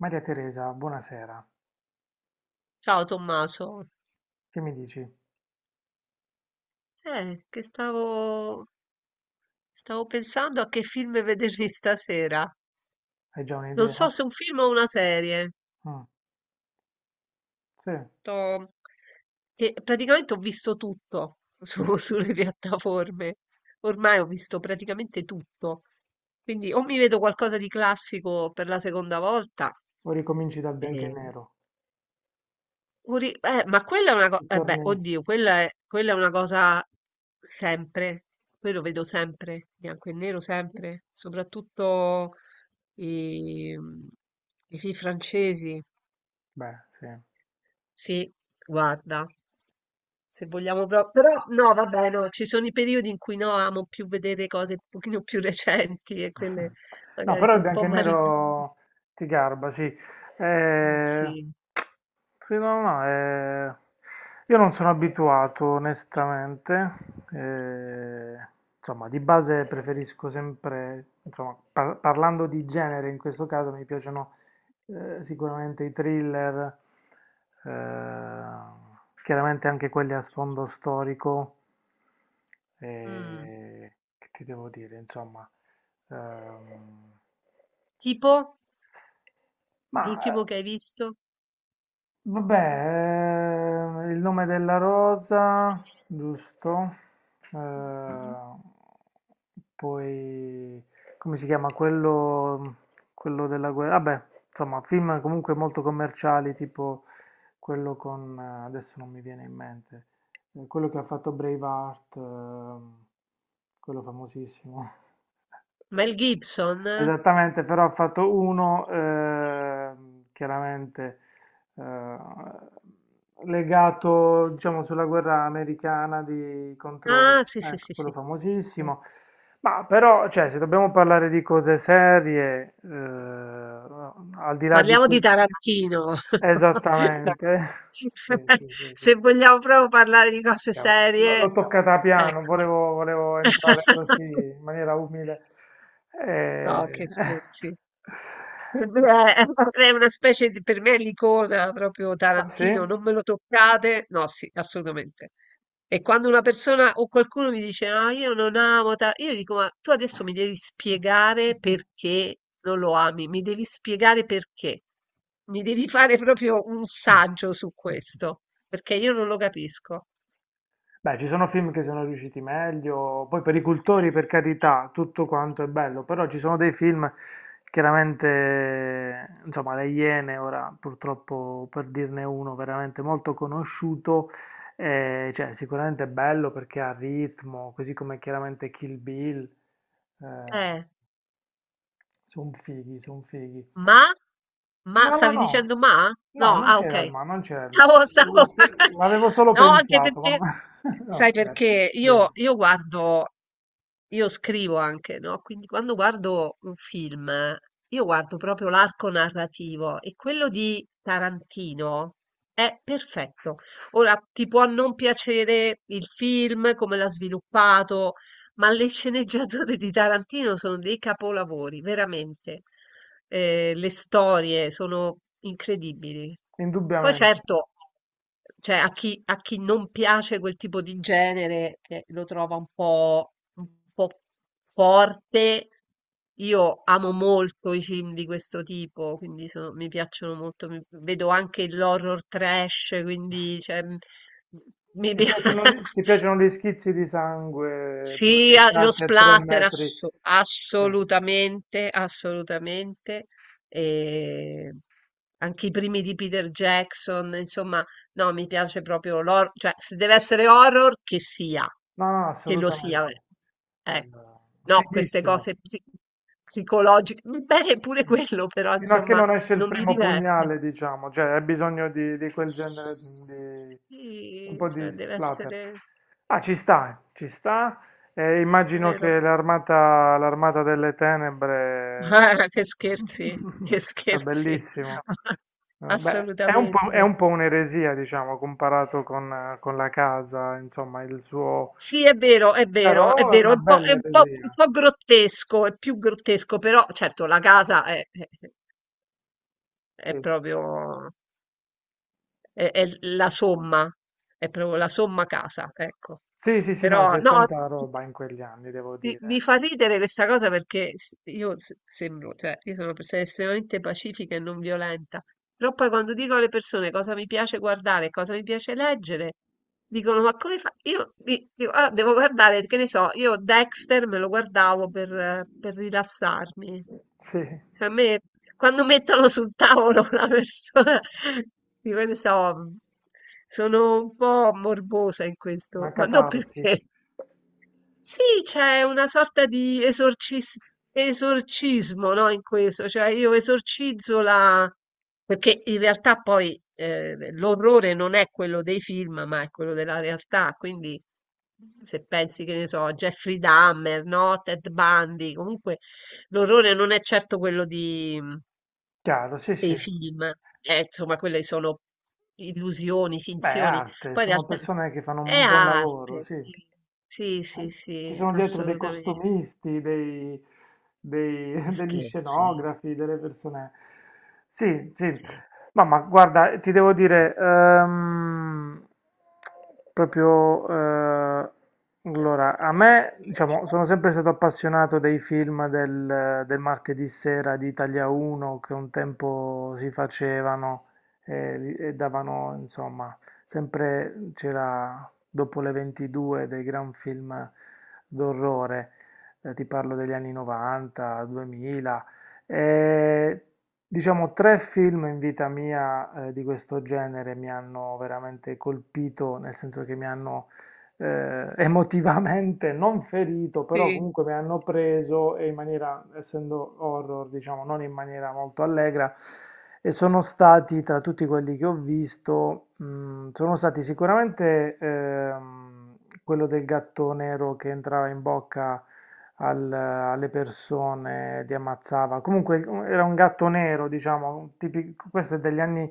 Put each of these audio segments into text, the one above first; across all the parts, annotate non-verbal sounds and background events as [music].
Maria Teresa, buonasera. Ciao Tommaso, Che mi dici? Che stavo pensando a che film vedermi [laughs] stasera. Hai già Non so un'idea? se un film o una serie. Mm, sì. Sto... Che praticamente ho visto tutto [laughs] sulle piattaforme. Ormai ho visto praticamente tutto. Quindi o mi vedo qualcosa di classico per la seconda volta, O ricominci dal bianco e ehm, nero? Ma quella è una cosa, eh beh, Ritorni? oddio, quella è una cosa sempre, quello vedo sempre, bianco e nero sempre, soprattutto i, i film francesi. Beh, sì. Sì, guarda, se vogliamo proprio, però no, vabbè, no, ci sono i periodi in cui no, amo più vedere cose un pochino più recenti e quelle No, magari però il sono un bianco po' e malignoni. nero ti garba, sì. Eh, Sì. sì, no, no, io non sono abituato, onestamente. Eh, insomma, di base preferisco sempre, insomma, parlando di genere, in questo caso mi piacciono sicuramente i thriller, chiaramente anche quelli a sfondo storico. Mm. eh, che ti devo dire, insomma. Ehm, Tipo ma, ehm l'ultimo che hai visto? Vabbè, il nome della rosa, giusto? Mm. Mm, Eh, mm. poi, come si chiama? Quello della guerra. Vabbè, insomma, film comunque molto commerciali, tipo adesso non mi viene in mente. Quello che ha fatto Braveheart, quello famosissimo. Mel Gibson? [laughs] Eh? Esattamente, però ha fatto uno, chiaramente, legato, diciamo, sulla guerra americana Ah, contro, sì, sì, ecco, sì, quello sì. Okay. famosissimo. Ma però, cioè, se dobbiamo parlare di cose serie, al di là di Parliamo que- di Tarantino. [laughs] Dai. Esattamente. [laughs] Sì, [laughs] sì, sì, sì. Se vogliamo proprio parlare di cose Chiaro, l- serie, L'ho toccata piano, ecco. volevo entrare così [laughs] in maniera umile. Eh, No, che scherzi. Per me [laughs] [laughs] È è una specie di, per me è l'icona proprio Ah, Tarantino, sì? non me lo toccate? No, sì, assolutamente. E quando una persona o qualcuno mi dice, ah, io non amo Ta-", io dico, ma tu adesso mi devi spiegare perché non lo ami, mi devi spiegare perché, mi devi fare proprio un saggio su [laughs] questo, perché io non lo capisco. Beh, ci sono film che sono riusciti meglio, poi per i cultori, per carità, tutto quanto è bello, però ci sono dei film, chiaramente, insomma, Le Iene, ora purtroppo per dirne uno veramente molto conosciuto, cioè sicuramente è bello perché ha ritmo, così come chiaramente Kill Bill, eh, Eh. sono fighi, sono fighi. Ma? Ma No, no, stavi no, dicendo ma? no, No, non ah c'era il ok. ma, non c'era il ma. Stavo, L'ho stavo... per- [laughs] l'avevo solo No, anche pensato, ma perché, no, [laughs] no, sai scherzo, perché io, dimmi. io guardo, io scrivo anche, no? Quindi quando guardo un film, io guardo proprio l'arco narrativo e quello di Tarantino è perfetto. Ora, ti può non piacere il film, come l'ha sviluppato, ma le sceneggiature di Tarantino sono dei capolavori, veramente. Le storie sono incredibili. Poi Indubbiamente. certo, cioè, a chi non piace quel tipo di genere, che lo trova un po' forte, io amo molto i film di questo tipo, quindi mi piacciono molto. Vedo anche l'horror trash, quindi cioè, mi Ti piace. piacciono, gli- ti [laughs] piacciono gli schizzi di sangue Sì, lo proiettati a tre splatter, metri? Eh, assolutamente, assolutamente. E anche i primi di Peter Jackson, insomma, no, mi piace proprio l'horror, cioè se deve essere horror, che sia, No, no, che lo sia. Assolutamente. Eh, Eh, no, queste Fighissimo. cose psicologiche, va bene pure quello, però Fino a che insomma, non esce il non mi primo diverte. pugnale, diciamo, cioè hai bisogno di quel genere di un Sì, po' di cioè deve splatter. essere, Ah, ci sta, ci sta. E immagino vero? che l'armata delle tenebre [laughs] Ah, che [laughs] è scherzi, bellissimo. [laughs] Beh, è un po', è assolutamente. un po' un'eresia, diciamo, comparato con la casa, insomma, il suo... Sì, è vero, è vero, è Però è vero, è una un po', bella è un po', un eresia, po' grottesco, è più grottesco, però certo la casa è sì. proprio, è la somma, è proprio la somma casa, ecco. Sì, sì, sì, no, Però c'è no, tanta roba in quegli anni, devo Mi dire. fa ridere questa cosa perché io sembro, cioè, io sono una persona estremamente pacifica e non violenta, però poi quando dico alle persone cosa mi piace guardare, e cosa mi piace leggere, dicono, ma come fa? Io dico, "Ah, devo guardare, che ne so, io Dexter me lo guardavo per rilassarmi. Sì, Cioè, a me, quando mettono sul tavolo [laughs] una persona, dico, che ne so, sono un po' morbosa in questo, una ma non catarsi. perché sì, c'è una sorta di esorcismo, no, in questo, cioè io esorcizzo la... perché in realtà poi l'orrore non è quello dei film, ma è quello della realtà, quindi se pensi che ne so, a Jeffrey Dahmer, no, Ted Bundy, comunque l'orrore non è certo quello di... Chiaro, sì, E sì. i film, insomma quelle sono illusioni, Beh, è finzioni, arte, poi in sono realtà persone che fanno è un buon lavoro, arte, sì. sì, sì, Eh, sì, Ci sì, sono dietro dei assolutamente. costumisti, Gli [laughs] degli scherzi, scenografi, delle persone. Sì, sì. sì. No, ma guarda, ti devo dire, proprio, allora, a me, diciamo, sono sempre stato appassionato dei film del martedì sera di Italia 1 che un tempo si facevano e davano, insomma, sempre c'era dopo le 22 dei gran film d'orrore, ti parlo degli anni 90, 2000, e diciamo tre film in vita mia, di questo genere mi hanno veramente colpito, nel senso che mi hanno [laughs] emotivamente non ferito, però Sì. comunque mi hanno preso e in maniera, essendo horror, diciamo, non in maniera molto allegra. E sono stati, tra tutti quelli che ho visto, sono stati sicuramente, quello del gatto nero che entrava in bocca alle persone, li ammazzava. Comunque era un gatto nero, diciamo, questo è degli anni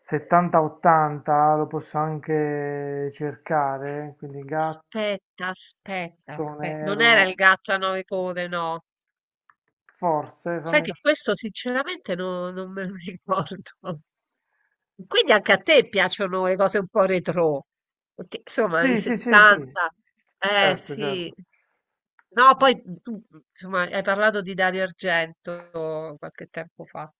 70-80, lo posso anche cercare, quindi gatto Aspetta, aspetta, aspetta. Non nero, era il gatto a nove code, no. forse, Sai fammi... che questo sinceramente non me lo [laughs] ricordo. Quindi anche a te piacciono le cose un po' retro, perché insomma anni Sì, sì, sì, sì, 70, eh certo, sì, certo. no, poi tu insomma hai parlato di Dario Argento qualche tempo fa,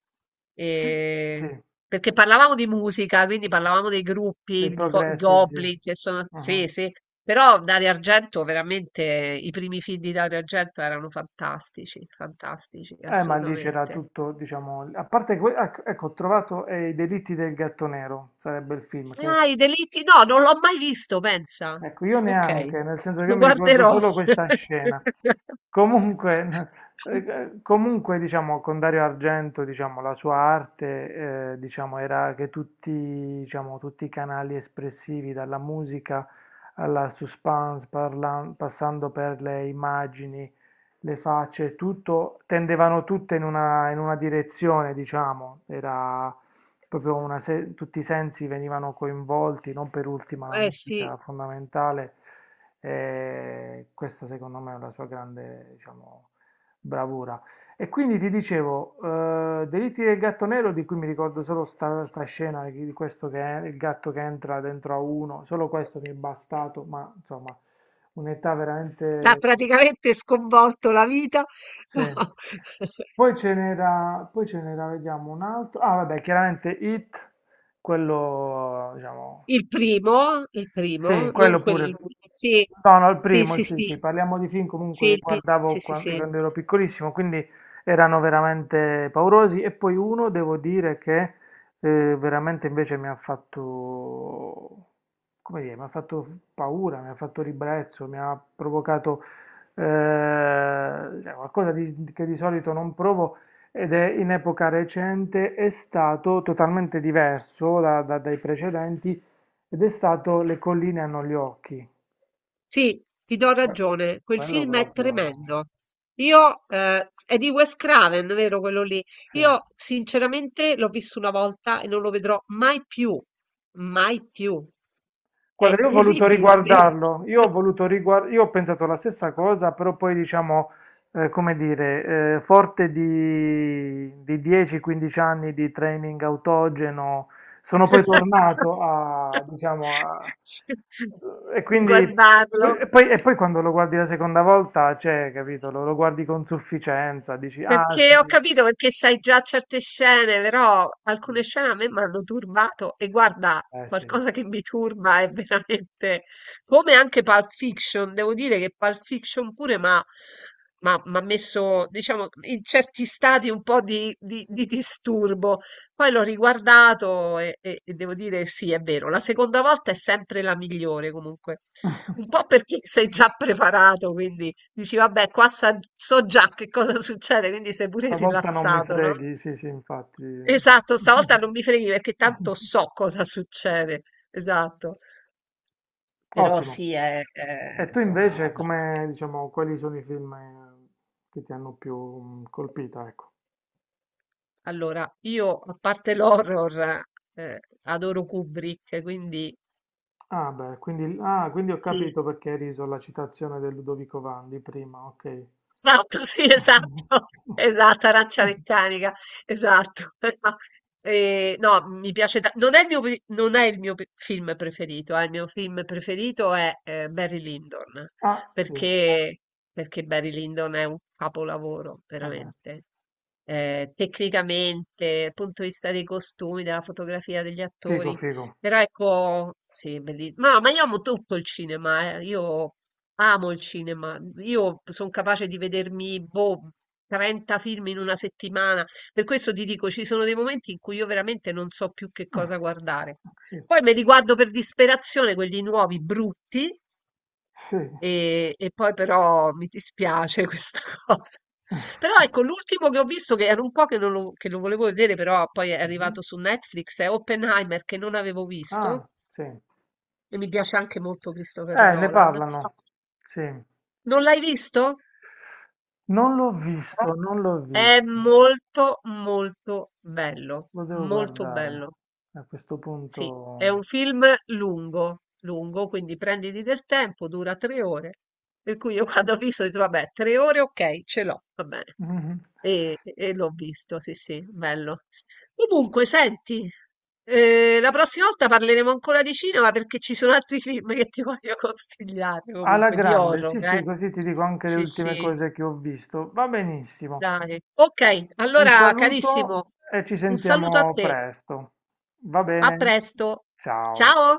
Sì, sì, e- perché parlavamo di musica, quindi parlavamo dei gruppi, dei di i progressive, sì. Goblin, che sono, Mhm. sì, sì, però Dario Argento veramente, i primi film di Dario Argento erano fantastici, fantastici, Ma lì c'era assolutamente. tutto, diciamo, a parte ecco, ho trovato, I delitti del gatto nero, sarebbe il film, Ah, che i delitti? No, non l'ho mai visto, pensa. ecco, io Ok, neanche, nel senso che io lo mi ricordo guarderò. solo questa scena. [laughs] Comunque, n- comunque, diciamo, con Dario Argento, diciamo, la sua arte, diciamo, era che tutti, diciamo, tutti i canali espressivi, dalla musica alla suspense, passando per le immagini, le facce, tutto, tendevano tutte in una direzione, diciamo, era proprio una se- tutti i sensi venivano coinvolti, non per ultima la Eh sì, musica fondamentale. E questa secondo me è la sua grande, diciamo, bravura. E quindi ti dicevo, Delitti del gatto nero, di cui mi ricordo solo sta scena di questo che è il gatto che entra dentro a uno, solo questo mi è bastato, ma insomma, un'età l'ha veramente... praticamente sconvolto la vita. Sì. [laughs] No. Poi ce n'era, vediamo un altro. Ah, vabbè, chiaramente It, quello, diciamo, Il sì, primo, non quello pure. quello. Sì, No, no, il sì, primo, sì, sì, sì, sì. parliamo di film Sì, comunque che guardavo sì, sì, sì. quando ero piccolissimo, quindi erano veramente paurosi. E poi uno, devo dire che, veramente invece mi ha fatto, come dire, mi ha fatto paura, mi ha fatto ribrezzo, mi ha provocato, eh, cioè, qualcosa che di solito non provo ed è in epoca recente, è stato totalmente diverso dai precedenti ed è stato Le colline hanno gli occhi. Sì, ti do Que- ragione, quel Quello film è proprio, tremendo. È di Wes Craven, vero quello lì? sì. Io sinceramente l'ho visto una volta e non lo vedrò mai più, mai più. È Guarda, io ho voluto terribile, è vero? riguardarlo, io ho pensato la stessa cosa, però poi diciamo, come dire, forte di 10-15 anni di training autogeno, sono poi tornato [laughs] a, diciamo, e quindi... Guardarlo. E poi quando lo guardi la seconda volta, cioè, capito, lo guardi con sufficienza, dici, ah Perché sì, ho capito perché sai già certe scene, però sì, alcune scene a me mi hanno turbato e guarda, eh sì. qualcosa che mi turba è veramente come anche Pulp Fiction, devo dire che Pulp Fiction pure ma m'ha messo, diciamo, in certi stati un po' di disturbo, poi l'ho riguardato e devo dire sì, è vero, la seconda volta è sempre la migliore comunque, un po' perché [laughs] sei già preparato, quindi dici vabbè, qua so già che cosa succede, quindi sei pure Stavolta non mi rilassato, no? freghi, sì, sì, infatti. Esatto, stavolta non mi freghi perché tanto [laughs] so cosa succede, esatto, però Ottimo. sì, E tu insomma, invece, vabbè. come, diciamo, quali sono i film, che ti hanno più, colpita, ecco? Allora, io a parte l'horror, eh, adoro Kubrick, quindi... Ah, beh, quindi ho Sì, capito perché hai riso alla citazione del Ludovico Vandi prima, ok. esatto, sì, [laughs] esatto, [laughs] esatto, arancia meccanica, esatto. [laughs] No, mi piace, non è il mio film preferito, il mio film preferito è Barry Lyndon, Ah, sì, perché, perché Barry Lyndon è un capolavoro, vabbè. veramente. Tecnicamente, dal punto di vista dei costumi, della fotografia degli Figo, attori, figo. però ecco, sì, bellissimo. Ma io amo tutto il cinema. Io amo il cinema. Io sono capace di vedermi, boh, 30 film in una settimana. Per questo ti dico, ci sono dei momenti in cui io veramente non so più che cosa guardare. Ok. Poi mi riguardo per disperazione quelli nuovi, brutti, Sì. e poi però mi dispiace [laughs] questa cosa. [laughs] Però ecco, l'ultimo che ho visto, che era un po' che, non lo, che lo volevo vedere, però poi è Mhm. arrivato su Netflix, è Oppenheimer, che non avevo Ah, visto, sì. Eh, e mi piace anche molto Christopher ne Nolan. parlano. Sì. Non l'hai visto? Non l'ho visto, non l'ho È visto, molto molto bello, lo devo molto guardare bello. a questo Sì, è punto. un film lungo, lungo, quindi prenditi del tempo, dura 3 ore. Per cui io [laughs] quando ho visto ho detto, vabbè, 3 ore, ok, ce l'ho, va bene. Mhm. E l'ho visto, sì, sì, bello. Comunque, senti, la prossima volta parleremo ancora di cinema perché ci sono altri [laughs] film che ti voglio consigliare, Alla comunque, di grande, sì, horror, sì, eh. così ti dico anche le Sì, ultime sì. cose che ho visto. Va benissimo. Dai. Ok, Un allora saluto carissimo, e ci un saluto a sentiamo te. presto. Va A bene? presto. Ciao. Ciao.